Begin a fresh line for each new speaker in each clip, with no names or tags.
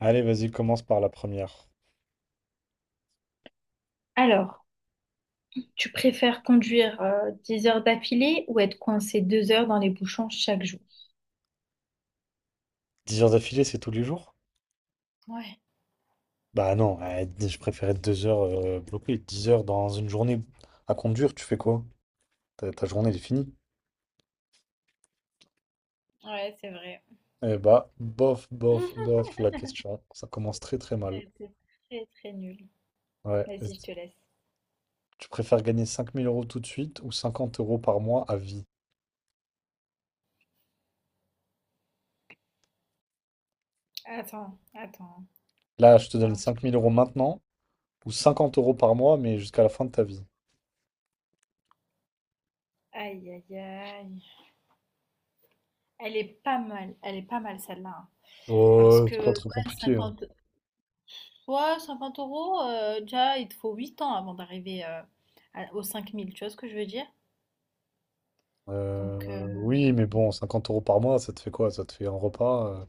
Allez, vas-y, commence par la première.
Alors, tu préfères conduire 10 heures d'affilée ou être coincé 2 heures dans les bouchons chaque jour?
Dix heures d'affilée, c'est tous les jours?
Ouais,
Bah non, je préférais 2 heures bloquées. 10 heures dans une journée à conduire, tu fais quoi? Ta journée, elle est finie.
ouais, c'est vrai.
Eh bah, bof, bof, bof, la question. Ça commence très très mal.
Ouais, c'est très très nul.
Ouais.
Vas-y, je te laisse.
Tu préfères gagner 5000 euros tout de suite ou 50 euros par mois à vie?
Attends, attends.
Là, je te
Fais
donne
un petit-
5000 euros maintenant ou 50 euros par mois, mais jusqu'à la fin de ta vie.
Aïe, aïe, aïe. Elle est pas mal, elle est pas mal celle-là, hein. Parce
Oh,
que,
c'est pas trop
ouais,
compliqué.
50, ouais, 50 euros, déjà, il te faut 8 ans avant d'arriver aux 5000, tu vois ce que je veux dire? Donc,
Oui, mais bon, 50 euros par mois, ça te fait quoi? Ça te fait un repas.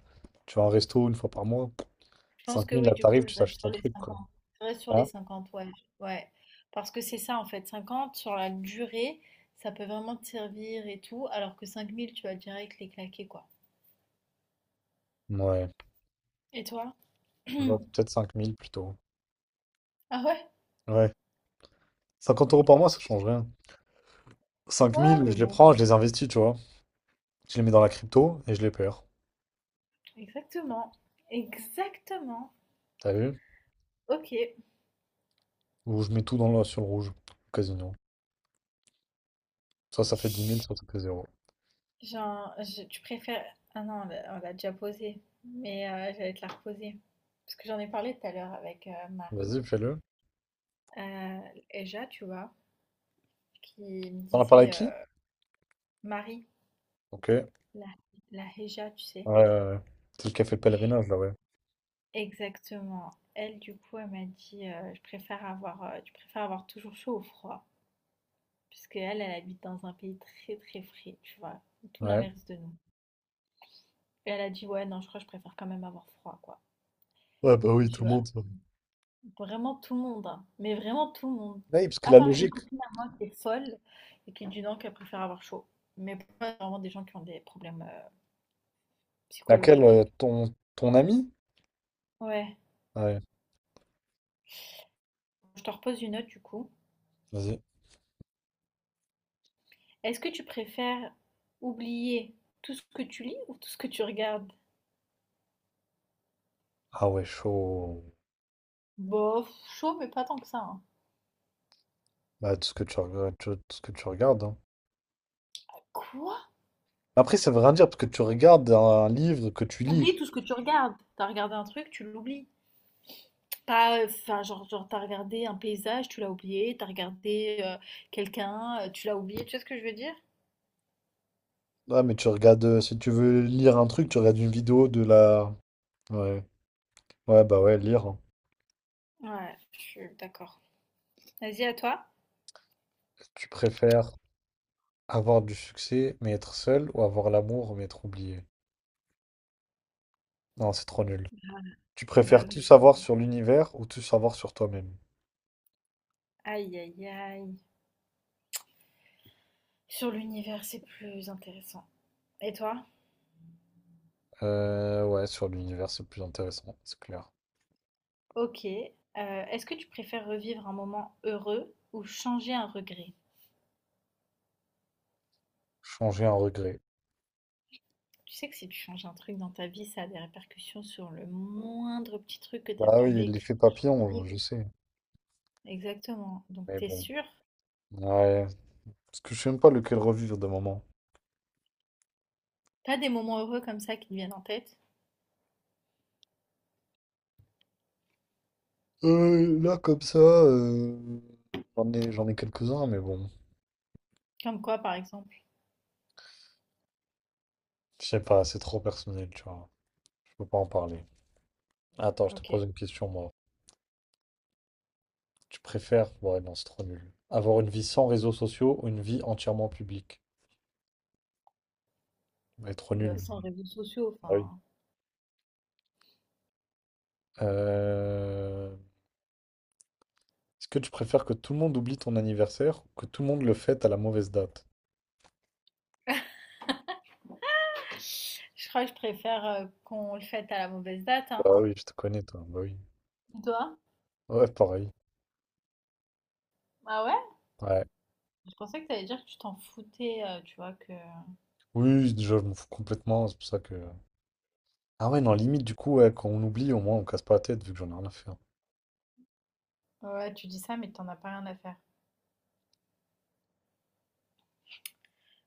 Tu vas à un resto une fois par mois.
je pense que
5000,
oui,
là,
du coup,
t'arrives,
je
tu
reste
t'achètes
sur
un
les
truc, quoi.
50. Je reste sur les
Hein?
50, ouais. Ouais. Parce que c'est ça, en fait. 50, sur la durée, ça peut vraiment te servir et tout. Alors que 5000, tu vas direct les claquer, quoi.
Ouais.
Et toi?
Genre, peut-être 5000 plutôt.
Ah ouais?
Ouais.
Bah
50 euros par mois, ça
écoute.
change rien.
Ouais,
5000,
mais
je les
bon.
prends, je les investis, tu vois. Je les mets dans la crypto et je les perds.
Exactement. Exactement.
T'as vu?
Ok.
Ou je mets tout dans le, sur le rouge, au casino. Soit ça fait 10 000, soit ça fait zéro.
Genre, tu préfères. Ah non, on l'a déjà posé. Mais j'allais te la reposer. Parce que j'en ai parlé tout à l'heure avec Marie.
Vas-y, fais-le.
Euh, Eja, tu vois, qui me
T'en as parlé avec
disait,
qui?
Marie,
Ok. Ouais,
la la Héja, tu sais?
ouais, ouais. C'est le café fait le pèlerinage, là, ouais.
Exactement. Elle, du coup, elle m'a dit je préfère avoir, tu préfères avoir toujours chaud ou froid, puisque elle, elle habite dans un pays très très frais, tu vois, tout
Ouais.
l'inverse de nous. Et elle a dit ouais, non, je crois que je préfère quand même avoir froid, quoi.
Ouais, bah oui,
Je
tout le
vois
monde. Ça.
vraiment tout le monde, hein, mais vraiment tout le monde.
Ouais, parce que
À
la
part une
logique.
copine à moi qui est folle et qui dit non, qu'elle préfère avoir chaud. Mais pour moi, c'est vraiment des gens qui ont des problèmes
Laquelle,
psychologiques.
ton, ton ami?
Ouais,
Ouais,
je te repose une note du coup.
vas-y.
Est-ce que tu préfères oublier tout ce que tu lis ou tout ce que tu regardes?
Ah ouais, chaud.
Bof, chaud, mais pas tant que ça, hein.
Bah, tout ce que tu regardes, tout ce que tu regardes. Hein.
Quoi?
Après, ça veut rien dire, parce que tu regardes un livre que tu lis.
T'oublies tout ce que tu regardes. T'as regardé un truc, tu l'oublies. Pas, enfin, genre t'as regardé un paysage, tu l'as oublié. T'as regardé quelqu'un, tu l'as oublié. Tu sais ce que je veux dire?
Ouais, mais tu regardes, si tu veux lire un truc, tu regardes une vidéo de la... Ouais, ouais, bah ouais, lire. Hein.
Ouais, je suis d'accord. Vas-y, à toi.
Tu préfères avoir du succès, mais être seul, ou avoir l'amour, mais être oublié? Non, c'est trop nul. Tu
Bah
préfères
oui.
tout savoir sur l'univers ou tout savoir sur toi-même?
Aïe, aïe, aïe. Sur l'univers, c'est plus intéressant. Et toi?
Ouais, sur l'univers, c'est plus intéressant, c'est clair.
Ok. Est-ce que tu préfères revivre un moment heureux ou changer un regret?
Changer un regret.
Tu sais que si tu changes un truc dans ta vie, ça a des répercussions sur le moindre petit truc que tu as
Bah
pu
oui, l'effet
vécu,
papillon, je
vivre.
sais.
Exactement. Donc
Mais
t'es
bon.
sûr?
Ouais. Parce que je sais même pas lequel revivre de moment.
T'as des moments heureux comme ça qui te viennent en tête?
Là, comme ça, j'en ai quelques-uns, mais bon.
Comme quoi, par exemple?
Je sais pas, c'est trop personnel, tu vois. Je peux pas en parler. Attends, je te
Ok.
pose une question, moi. Tu préfères... Ouais, non, c'est trop nul. Avoir une vie sans réseaux sociaux ou une vie entièrement publique? Ouais, trop
Bah,
nul.
sans réseaux sociaux,
Ah oui.
enfin.
Euh, est-ce que tu préfères que tout le monde oublie ton anniversaire ou que tout le monde le fête à la mauvaise date?
Je crois que je préfère qu'on le fête à la mauvaise date, hein.
Bah oui, je te connais, toi. Bah oui.
Et toi?
Ouais, pareil.
Ah ouais?
Ouais.
Je pensais que t'allais dire que tu t'en foutais, tu vois, que...
Oui, oui, déjà, je m'en fous complètement, c'est pour ça que... Ah ouais, non, limite, du coup, ouais, quand on oublie, au moins, on casse pas la tête, vu que j'en ai rien à faire.
Ouais, tu dis ça, mais t'en as pas rien à faire.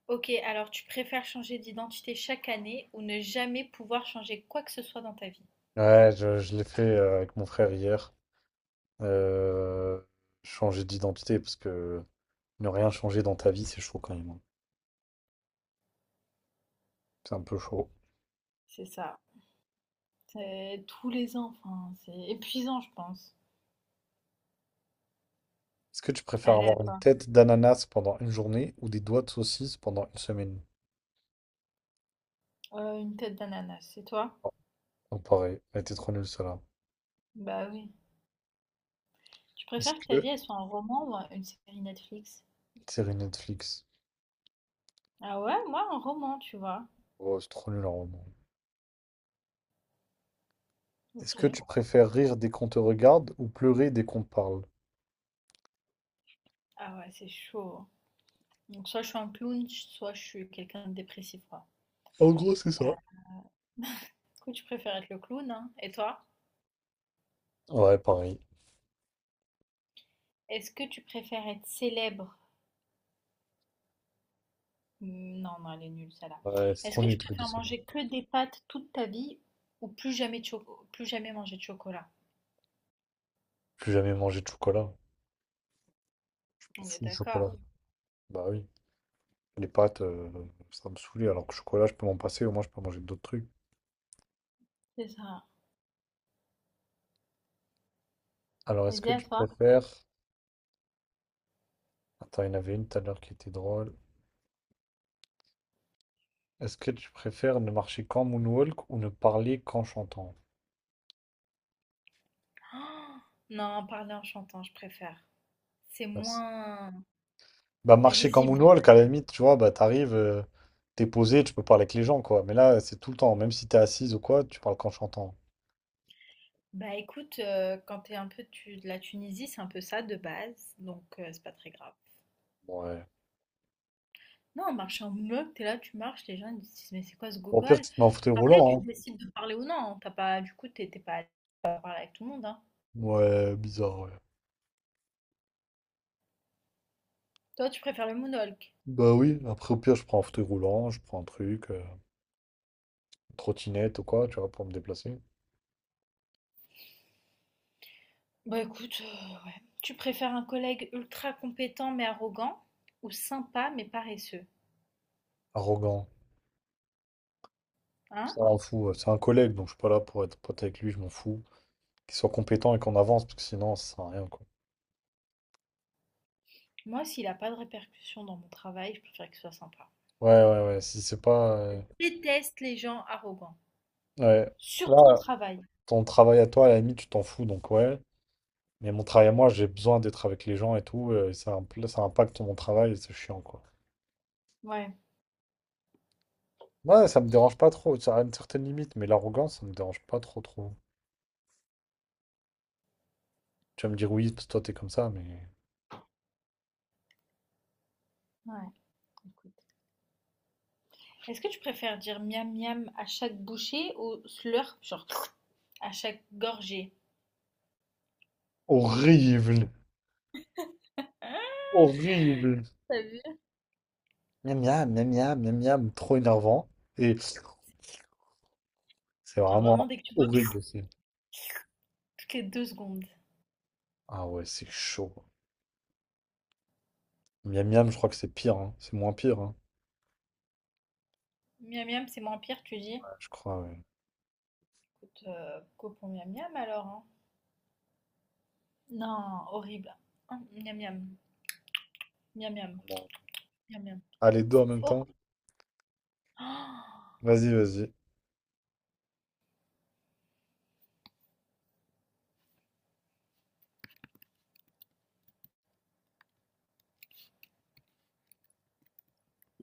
Ok, alors tu préfères changer d'identité chaque année ou ne jamais pouvoir changer quoi que ce soit dans ta vie?
Ouais, je l'ai fait avec mon frère hier. Euh, changer d'identité, parce que ne rien changer dans ta vie, c'est chaud quand même. Hein. C'est un peu chaud.
C'est ça. C'est tous les ans, enfin, c'est épuisant, je pense.
Est-ce que tu préfères
Allez, à
avoir une
toi.
tête d'ananas pendant une journée ou des doigts de saucisse pendant une semaine?
Une tête d'ananas, c'est toi?
Oh, pareil, elle était trop nulle, celle-là.
Bah oui. Tu
Est-ce
préfères que ta
que...
vie elle soit un roman ou une série Netflix?
Série Netflix.
Ah ouais, moi un roman, tu vois.
Oh, c'est trop nul, en roman. Est-ce que tu
Ok.
préfères rire dès qu'on te regarde ou pleurer dès qu'on te parle?
Ah ouais, c'est chaud. Donc soit je suis un clown, soit je suis quelqu'un de dépressif, quoi.
En gros, c'est
Euh,
ça.
du coup, tu préfères être le clown, hein? Et toi?
Ouais, pareil.
Est-ce que tu préfères être célèbre? Non, non, elle est nulle, celle-là.
Ouais, c'est
Est-ce
trop
que
nul
tu
le truc de
préfères
Sony.
manger que des pâtes toute ta vie ou plus jamais manger de chocolat?
Plus jamais manger de chocolat.
On est
Fou le
d'accord.
chocolat. Bah oui. Les pâtes, ça me saoulait. Alors que chocolat, je peux m'en passer, au moins je peux manger d'autres trucs.
C'est ça.
Alors est-ce
Vas-y,
que
à
tu
toi.
préfères. Attends, il y en avait une tout à l'heure qui était drôle. Est-ce que tu préfères ne marcher qu'en moonwalk ou ne parler qu'en chantant?
Oh, non, parler en chantant, je préfère. C'est
Bah
moins
bah, marcher qu'en
visible.
moonwalk, à la limite, tu vois, bah t'arrives, t'es posé, tu peux parler avec les gens, quoi. Mais là, c'est tout le temps. Même si t'es assise ou quoi, tu parles qu'en chantant.
Bah écoute, quand t'es un peu de la Tunisie, c'est un peu ça de base, donc c'est pas très grave.
Ouais.
Non, marcher en bloc, t'es là, tu marches, les gens ils disent mais c'est quoi ce
Au pire,
gogol?
tu te mets en fauteuil
Parler, tu
roulant, hein.
décides de parler ou non. T'as pas, du coup, t'es pas à parler avec tout le monde, hein.
Ouais, bizarre, ouais.
Toi, tu préfères le moonwalk.
Bah oui, après au pire, je prends un fauteuil roulant, je prends un truc, une trottinette ou quoi, tu vois, pour me déplacer.
Bah écoute, ouais. Tu préfères un collègue ultra compétent mais arrogant ou sympa mais paresseux,
Arrogant,
hein?
ça m'en fout. C'est un collègue, donc je suis pas là pour être pote avec lui, je m'en fous. Qu'il soit compétent et qu'on avance, parce que sinon, ça sert à rien, quoi.
Moi, s'il n'a pas de répercussions dans mon travail, je préfère qu'il soit sympa.
Ouais, ouais, ouais, si c'est pas.
Je déteste les gens arrogants,
Ouais.
surtout au
Là,
travail.
ton travail à toi, à la limite, tu t'en fous, donc ouais. Mais mon travail à moi, j'ai besoin d'être avec les gens et tout, et ça, ça impacte mon travail et c'est chiant, quoi.
Ouais,
Ouais, ça me dérange pas trop, ça a une certaine limite, mais l'arrogance, ça me dérange pas trop, trop. Tu vas me dire oui, parce que toi, t'es comme ça, mais.
ouais, écoute. Est-ce que tu préfères dire miam miam à chaque bouchée ou slurp, genre à chaque gorgée?
Horrible.
Hein,
Horrible.
t'as vu?
Miam miam, miam miam, miam miam, trop énervant. Et c'est
Genre vraiment
vraiment
dès que tu vois
horrible aussi.
toutes les 2 secondes.
Ah ouais, c'est chaud. Miam miam, je crois que c'est pire, hein. C'est moins pire, hein.
Miam miam, c'est moins pire, tu dis.
Ouais, je crois, ouais.
Écoute, copons miam miam alors, hein. Non, horrible. Hein, miam miam, miam miam,
Bon.
miam miam.
Ah, les deux en
C'est
même temps?
horrible. Oh
Vas-y, vas-y.